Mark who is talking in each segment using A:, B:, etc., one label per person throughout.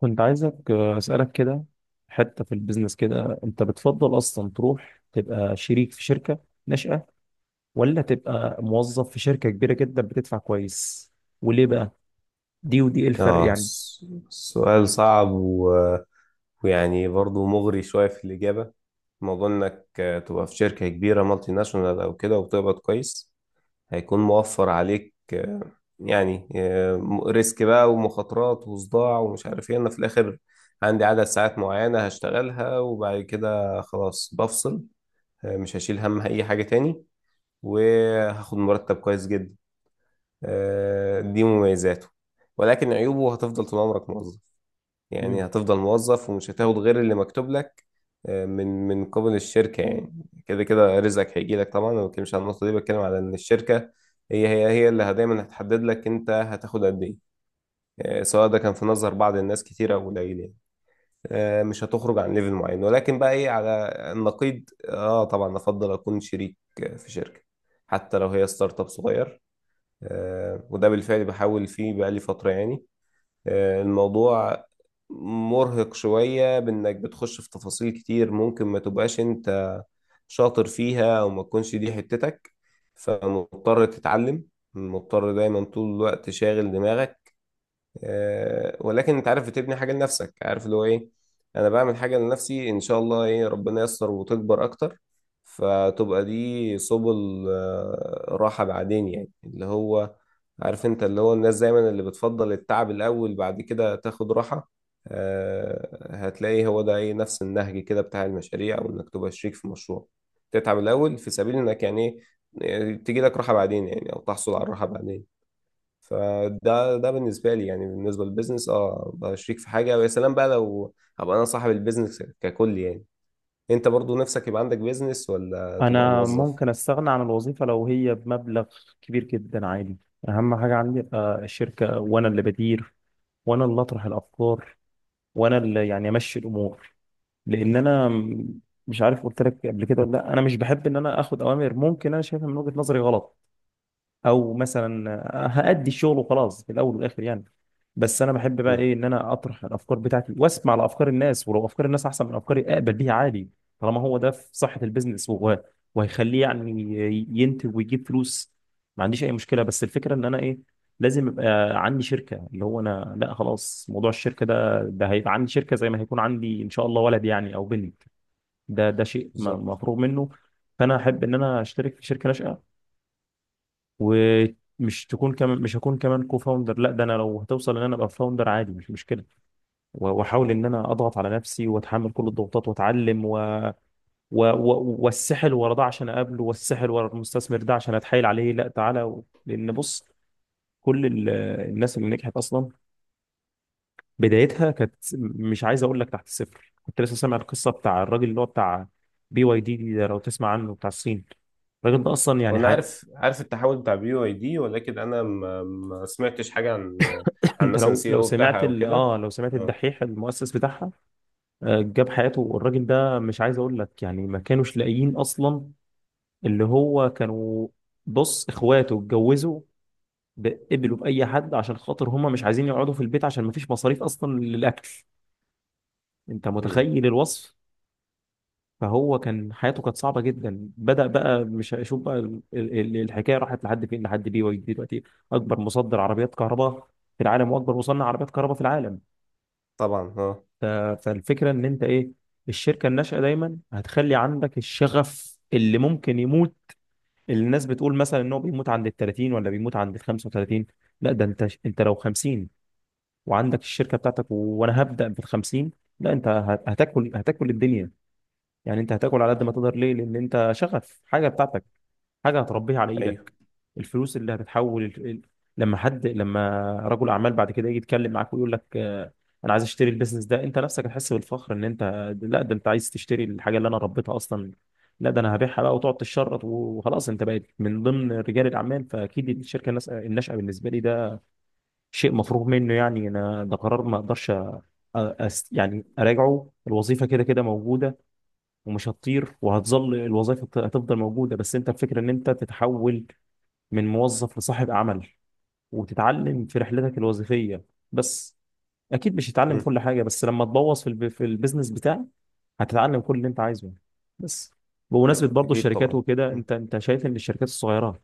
A: كنت عايزك أسألك كده حتة في البيزنس كده. أنت بتفضل أصلا تروح تبقى شريك في شركة ناشئة، ولا تبقى موظف في شركة كبيرة جدا بتدفع كويس؟ وليه بقى دي ودي؟ إيه الفرق يعني؟
B: سؤال صعب، ويعني برضو مغري شوية في الإجابة. موضوع إنك تبقى في شركة كبيرة مالتي ناشونال أو كده وبتقبض كويس، هيكون موفر عليك. يعني ريسك بقى ومخاطرات وصداع ومش عارف إيه. أنا في الآخر عندي عدد ساعات معينة هشتغلها وبعد كده خلاص بفصل. مش هشيل هم أي حاجة تاني، وهاخد مرتب كويس جدا. دي مميزاته. ولكن عيوبه، هتفضل طول عمرك موظف،
A: مم.
B: يعني هتفضل موظف ومش هتاخد غير اللي مكتوب لك من قبل الشركة يعني. كده كده رزقك هيجي لك طبعا، انا ما بتكلمش عن النقطة دي، بتكلم على ان الشركة هي اللي دايما هتحدد لك انت هتاخد قد ايه، سواء ده كان في نظر بعض الناس كتير او قليل. يعني مش هتخرج عن ليفل معين. ولكن بقى ايه، على النقيض، اه طبعا افضل اكون شريك في شركة حتى لو هي ستارت اب صغير. وده بالفعل بحاول فيه بقالي فترة يعني. الموضوع مرهق شوية، بإنك بتخش في تفاصيل كتير ممكن ما تبقاش أنت شاطر فيها أو ما تكونش دي حتتك، فمضطر تتعلم، مضطر دايما طول الوقت شاغل دماغك. ولكن أنت عارف بتبني حاجة لنفسك، عارف اللي هو إيه، أنا بعمل حاجة لنفسي إن شاء الله، إيه ربنا ييسر وتكبر أكتر. فتبقى دي سبل راحة بعدين، يعني اللي هو عارف انت اللي هو الناس دايما اللي بتفضل التعب الاول، بعد كده تاخد راحة. هتلاقي هو ده ايه، نفس النهج كده بتاع المشاريع، او انك تبقى شريك في مشروع، تتعب الاول في سبيل انك يعني ايه تجي لك راحة بعدين، يعني او تحصل على الراحة بعدين. فده بالنسبة لي يعني، بالنسبة للبيزنس، اه ابقى شريك في حاجة، ويا سلام بقى لو ابقى انا صاحب البيزنس ككل يعني. انت برضو نفسك يبقى عندك بيزنس ولا تبقى
A: أنا
B: موظف؟
A: ممكن أستغنى عن الوظيفة لو هي بمبلغ كبير جدا، عادي. أهم حاجة عندي أبقى الشركة وأنا اللي بدير، وأنا اللي أطرح الأفكار، وأنا اللي يعني أمشي الأمور. لان انا مش عارف قلت لك قبل كده ولا لا، انا مش بحب ان انا اخد اوامر ممكن انا شايفها من وجهة نظري غلط. او مثلا هأدي الشغل وخلاص في الاول والاخر يعني. بس انا بحب بقى
B: مم.
A: ايه، ان انا اطرح الافكار بتاعتي واسمع لافكار الناس، ولو افكار الناس احسن من افكاري اقبل بيها عادي. طالما هو ده في صحة البيزنس وهو يعني ينتج ويجيب فلوس، ما عنديش اي مشكلة. بس الفكرة ان انا ايه، لازم يبقى عندي شركة. اللي هو انا لا خلاص، موضوع الشركة ده، ده هيبقى عندي شركة زي ما هيكون عندي ان شاء الله ولد يعني او بنت. ده ده شيء
B: بالظبط.
A: مفروغ منه. فانا احب ان انا اشترك في شركه ناشئه، ومش تكون كمان مش هكون كمان كو فاوندر. لا ده انا لو هتوصل ان انا ابقى فاوندر عادي، مش مشكله. واحاول ان انا اضغط على نفسي واتحمل كل الضغوطات واتعلم، والسحل ورا ده عشان اقابله، والسحل ورا المستثمر ده عشان اتحايل عليه لا تعالى لان بص، كل الناس اللي نجحت اصلا بدايتها كانت مش عايز اقول لك تحت الصفر. كنت لسه سامع القصه بتاع الراجل اللي هو بتاع بي واي دي ده؟ لو تسمع عنه، بتاع الصين. الراجل ده اصلا يعني
B: وانا عارف عارف التحول بتاع BYD، ولكن انا ما سمعتش حاجه عن عن
A: انت
B: مثلا
A: لو
B: سي
A: لو
B: او بتاعها
A: سمعت
B: او
A: ال...
B: كده.
A: اه لو سمعت
B: اه.
A: الدحيح المؤسس بتاعها، جاب حياته الراجل ده، مش عايز اقول لك يعني ما كانوش لاقيين اصلا. اللي هو كانوا، بص، اخواته اتجوزوا، قبلوا باي حد عشان خاطر هم مش عايزين يقعدوا في البيت، عشان ما فيش مصاريف اصلا للاكل. انت
B: امم.
A: متخيل الوصف؟ فهو كان حياته كانت صعبة جدا. بدأ بقى، مش هشوف بقى الحكاية راحت لحد فين. لحد بي واي دي دلوقتي أكبر مصدر عربيات كهرباء في العالم، وأكبر مصنع عربيات كهرباء في العالم.
B: طبعا اه.
A: ف- فالفكرة إن أنت إيه، الشركة الناشئة دايما هتخلي عندك الشغف اللي ممكن يموت. اللي الناس بتقول مثلا إن هو بيموت عند ال 30 ولا بيموت عند ال 35. لا ده أنت، أنت لو 50 وعندك الشركة بتاعتك وأنا هبدأ بال 50، لا أنت هتاكل هتاكل الدنيا. يعني أنت هتاكل على قد ما تقدر. ليه؟ لأن أنت شغف حاجة بتاعتك، حاجه هتربيها على
B: ايوه.
A: ايدك. الفلوس اللي هتتحول لما حد، لما رجل اعمال بعد كده يجي يتكلم معاك ويقول لك انا عايز اشتري البيزنس ده، انت نفسك هتحس بالفخر ان انت، لا ده انت عايز تشتري الحاجه اللي انا ربيتها اصلا؟ لا ده انا هبيعها بقى، وتقعد تشرط. وخلاص انت بقيت من ضمن رجال الاعمال. فاكيد الشركه الناشئه بالنسبه لي ده شيء مفروغ منه يعني. انا ده قرار ما اقدرش أ- أست يعني اراجعه. الوظيفه كده كده موجوده ومش هتطير، وهتظل الوظيفه هتفضل موجوده، بس انت الفكره ان انت تتحول من موظف لصاحب عمل، وتتعلم في رحلتك الوظيفية بس. أكيد مش هتتعلم
B: امم.
A: كل حاجة، بس لما تبوظ في في البيزنس بتاعك هتتعلم كل اللي أنت عايزه بس. بمناسبة برضه
B: اكيد
A: الشركات
B: طبعا.
A: وكده،
B: مم.
A: أنت شايف إن الشركات الصغيرة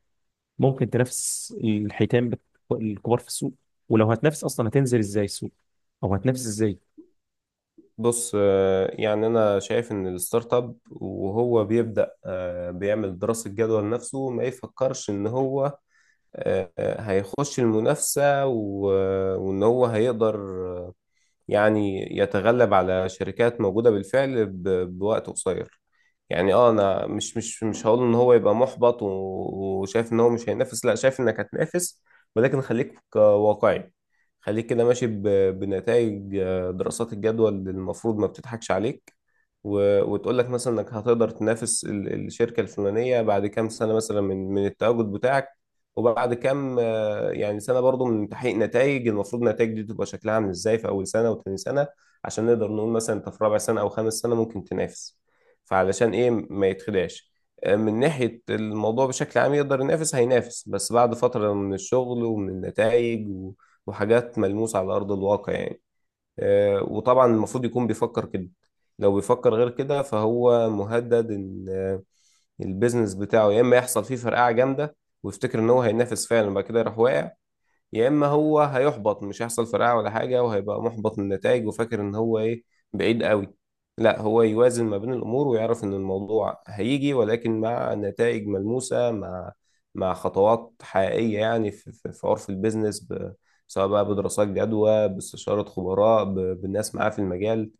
A: ممكن تنافس الحيتان الكبار في السوق؟ ولو هتنافس أصلا هتنزل إزاي السوق، أو هتنافس إزاي؟
B: بص، يعني انا شايف ان الستارت اب وهو بيبدا بيعمل دراسه جدوى لنفسه، ما يفكرش ان هو هيخش المنافسه، وان هو هيقدر يعني يتغلب على شركات موجودة بالفعل بوقت قصير. يعني اه انا مش هقول ان هو يبقى محبط وشايف ان هو مش هينافس، لا، شايف انك هتنافس، ولكن خليك واقعي، خليك كده ماشي بنتائج دراسات الجدوى اللي المفروض ما بتضحكش عليك، وتقول لك مثلا انك هتقدر تنافس الشركة الفلانية بعد كام سنة مثلا من التواجد بتاعك، وبعد كام يعني سنة برضو من تحقيق نتائج. المفروض النتائج دي تبقى شكلها عامل ازاي في أول سنة وتاني سنة، عشان نقدر نقول مثلا انت في رابع سنة أو خامس سنة ممكن تنافس. فعلشان ايه ما يتخدعش من ناحية الموضوع بشكل عام، يقدر ينافس، هينافس، بس بعد فترة من الشغل ومن النتائج وحاجات ملموسة على أرض الواقع يعني. وطبعا المفروض يكون بيفكر كده. لو بيفكر غير كده فهو مهدد ان البيزنس بتاعه يا اما يحصل فيه فرقعة جامدة ويفتكر ان هو هينافس فعلا، بعد كده يروح واقع، يا اما هو هيحبط، مش هيحصل فرقعه ولا حاجه، وهيبقى محبط من النتائج وفاكر ان هو ايه بعيد قوي. لا، هو يوازن ما بين الامور ويعرف ان الموضوع هيجي، ولكن مع نتائج ملموسه، مع خطوات حقيقيه يعني، في عرف البيزنس، سواء بقى بدراسات جدوى، باستشاره خبراء، بالناس معاه في المجال،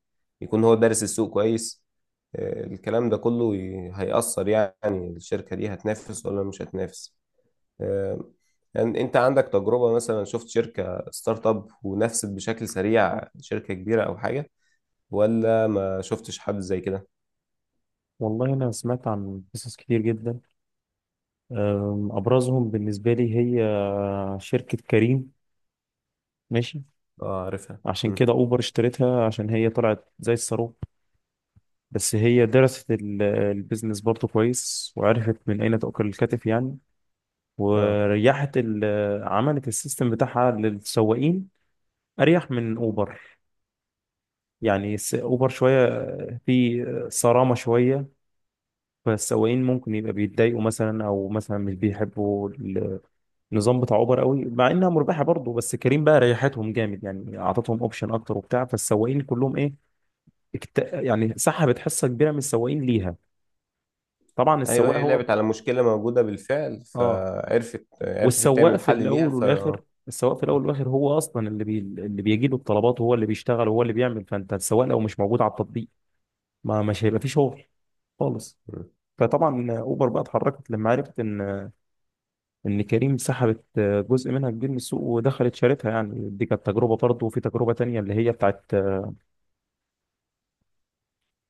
B: يكون هو دارس السوق كويس. الكلام ده كله هيأثر يعني الشركه دي هتنافس ولا مش هتنافس. آه، يعني انت عندك تجربة مثلا، شفت شركة ستارت اب ونفست بشكل سريع شركة كبيرة او حاجة، ولا ما شفتش حد زي كده؟
A: والله أنا سمعت عن قصص كتير جدا. أبرزهم بالنسبة لي هي شركة كريم. ماشي،
B: اه عارفها.
A: عشان
B: مم.
A: كده اوبر اشتريتها، عشان هي طلعت زي الصاروخ. بس هي درست البيزنس برضه كويس، وعرفت من اين تأكل الكتف يعني.
B: اه.
A: وريحت عملت السيستم بتاعها للسواقين اريح من اوبر. يعني اوبر شويه في صرامه شويه، فالسواقين ممكن يبقى بيتضايقوا مثلا، او مثلا مش بيحبوا النظام بتاع اوبر قوي، مع انها مربحه برضه. بس كريم بقى ريحتهم جامد يعني، اعطتهم اوبشن اكتر وبتاع. فالسواقين كلهم ايه، يعني سحبت حصه كبيره من السواقين ليها. طبعا
B: ايوه،
A: السواق
B: هي
A: هو،
B: لعبت على مشكلة موجودة بالفعل،
A: اه
B: فعرفت عرفت
A: والسواق
B: تعمل
A: في
B: حل ليها،
A: الاول
B: ف.
A: والاخر،
B: مم.
A: هو اصلا اللي اللي بيجي له الطلبات، وهو اللي بيشتغل، وهو اللي بيعمل. فانت السواق لو مش موجود على التطبيق، ما مش هيبقى فيه شغل خالص.
B: مم.
A: فطبعا اوبر بقى اتحركت لما عرفت ان كريم سحبت جزء منها كبير من السوق، ودخلت شارتها يعني. دي كانت تجربه برضه. وفي تجربه تانية اللي هي بتاعت،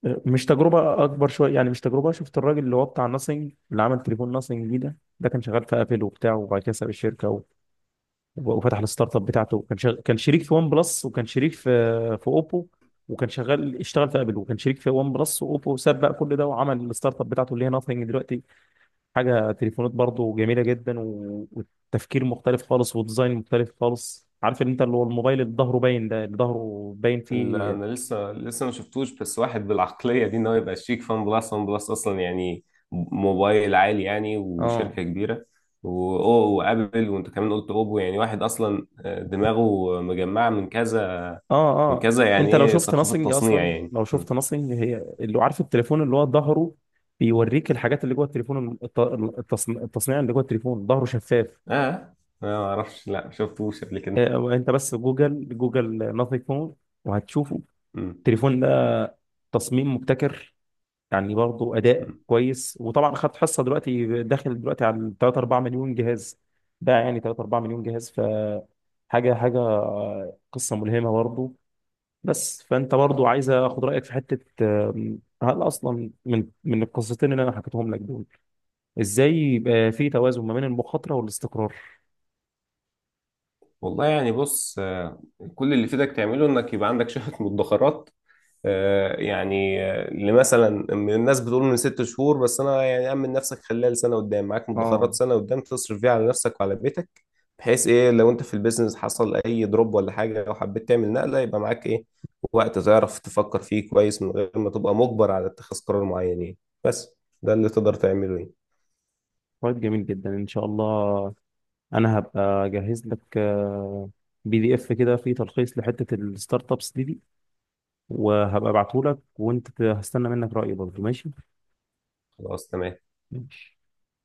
A: مش تجربة أكبر شوية يعني، مش تجربة، شفت الراجل اللي هو بتاع ناثينج اللي عمل تليفون ناثينج دي؟ ده كان شغال في أبل وبتاع، وبعد كده ساب الشركة وفتح الستارت اب بتاعته. كان شريك في ون بلس، وكان شريك في في أوبو. وكان شغال، اشتغل في أبل، وكان شريك في ون بلس وأوبو، وساب بقى كل ده وعمل الستارت اب بتاعته اللي هي ناثينج دلوقتي. حاجة تليفونات برضه جميلة جدا، والتفكير مختلف خالص، وديزاين مختلف خالص. عارف ان انت اللي هو الموبايل اللي ظهره باين ده، اللي ظهره باين
B: لا انا
A: فيه،
B: لسه ما شفتوش، بس واحد بالعقليه دي، ان هو يبقى شريك فان بلس، وان بلس اصلا يعني موبايل عالي يعني
A: اه
B: وشركه كبيره، وابل، وانت كمان قلت اوبو، يعني واحد اصلا دماغه مجمعه من كذا، من
A: اه
B: كذا، يعني
A: انت لو
B: إيه،
A: شفت
B: ثقافه
A: ناصينج
B: تصنيع
A: اصلا،
B: يعني.
A: لو
B: م.
A: شفت ناصينج، هي اللي عارف التليفون اللي هو ظهره بيوريك الحاجات اللي جوه التليفون. التصنيع اللي جوه التليفون ظهره شفاف.
B: اه. أنا ما اعرفش، لا ما شفتوش قبل كده.
A: انت بس جوجل، جوجل ناثينج فون وهتشوفه.
B: م.
A: التليفون ده تصميم مبتكر، يعني برضه
B: م.
A: اداء كويس. وطبعا خد حصه دلوقتي، داخل دلوقتي على 3 4 مليون جهاز. ده يعني 3 4 مليون جهاز. حاجه قصه ملهمه برضه. بس فانت برضو عايز اخد رايك في حته، هل اصلا من القصتين اللي انا حكيتهم لك دول، ازاي يبقى في توازن ما بين المخاطره والاستقرار؟
B: والله، يعني بص، كل اللي يفيدك تعمله انك يبقى عندك شهادة مدخرات. يعني اللي مثلا من الناس بتقول من 6 شهور، بس انا يعني، امن نفسك خلال سنة قدام، معاك مدخرات
A: اه
B: سنة قدام تصرف فيها على نفسك وعلى بيتك، بحيث ايه لو انت في البيزنس حصل اي دروب ولا حاجة، لو حبيت تعمل نقلة، يبقى معاك ايه، وقت تعرف تفكر فيه كويس من غير ما تبقى مجبر على اتخاذ قرار معين يعني. بس ده اللي تقدر تعمله يعني.
A: طيب جميل جدا ان شاء الله. انا هبقى اجهز لك بي دي اف كده، فيه تلخيص لحته الستارت ابس دي. وهبقى ابعته لك، وانت هستنى منك راي برضو. ماشي؟
B: خلاص، تمام.
A: ماشي.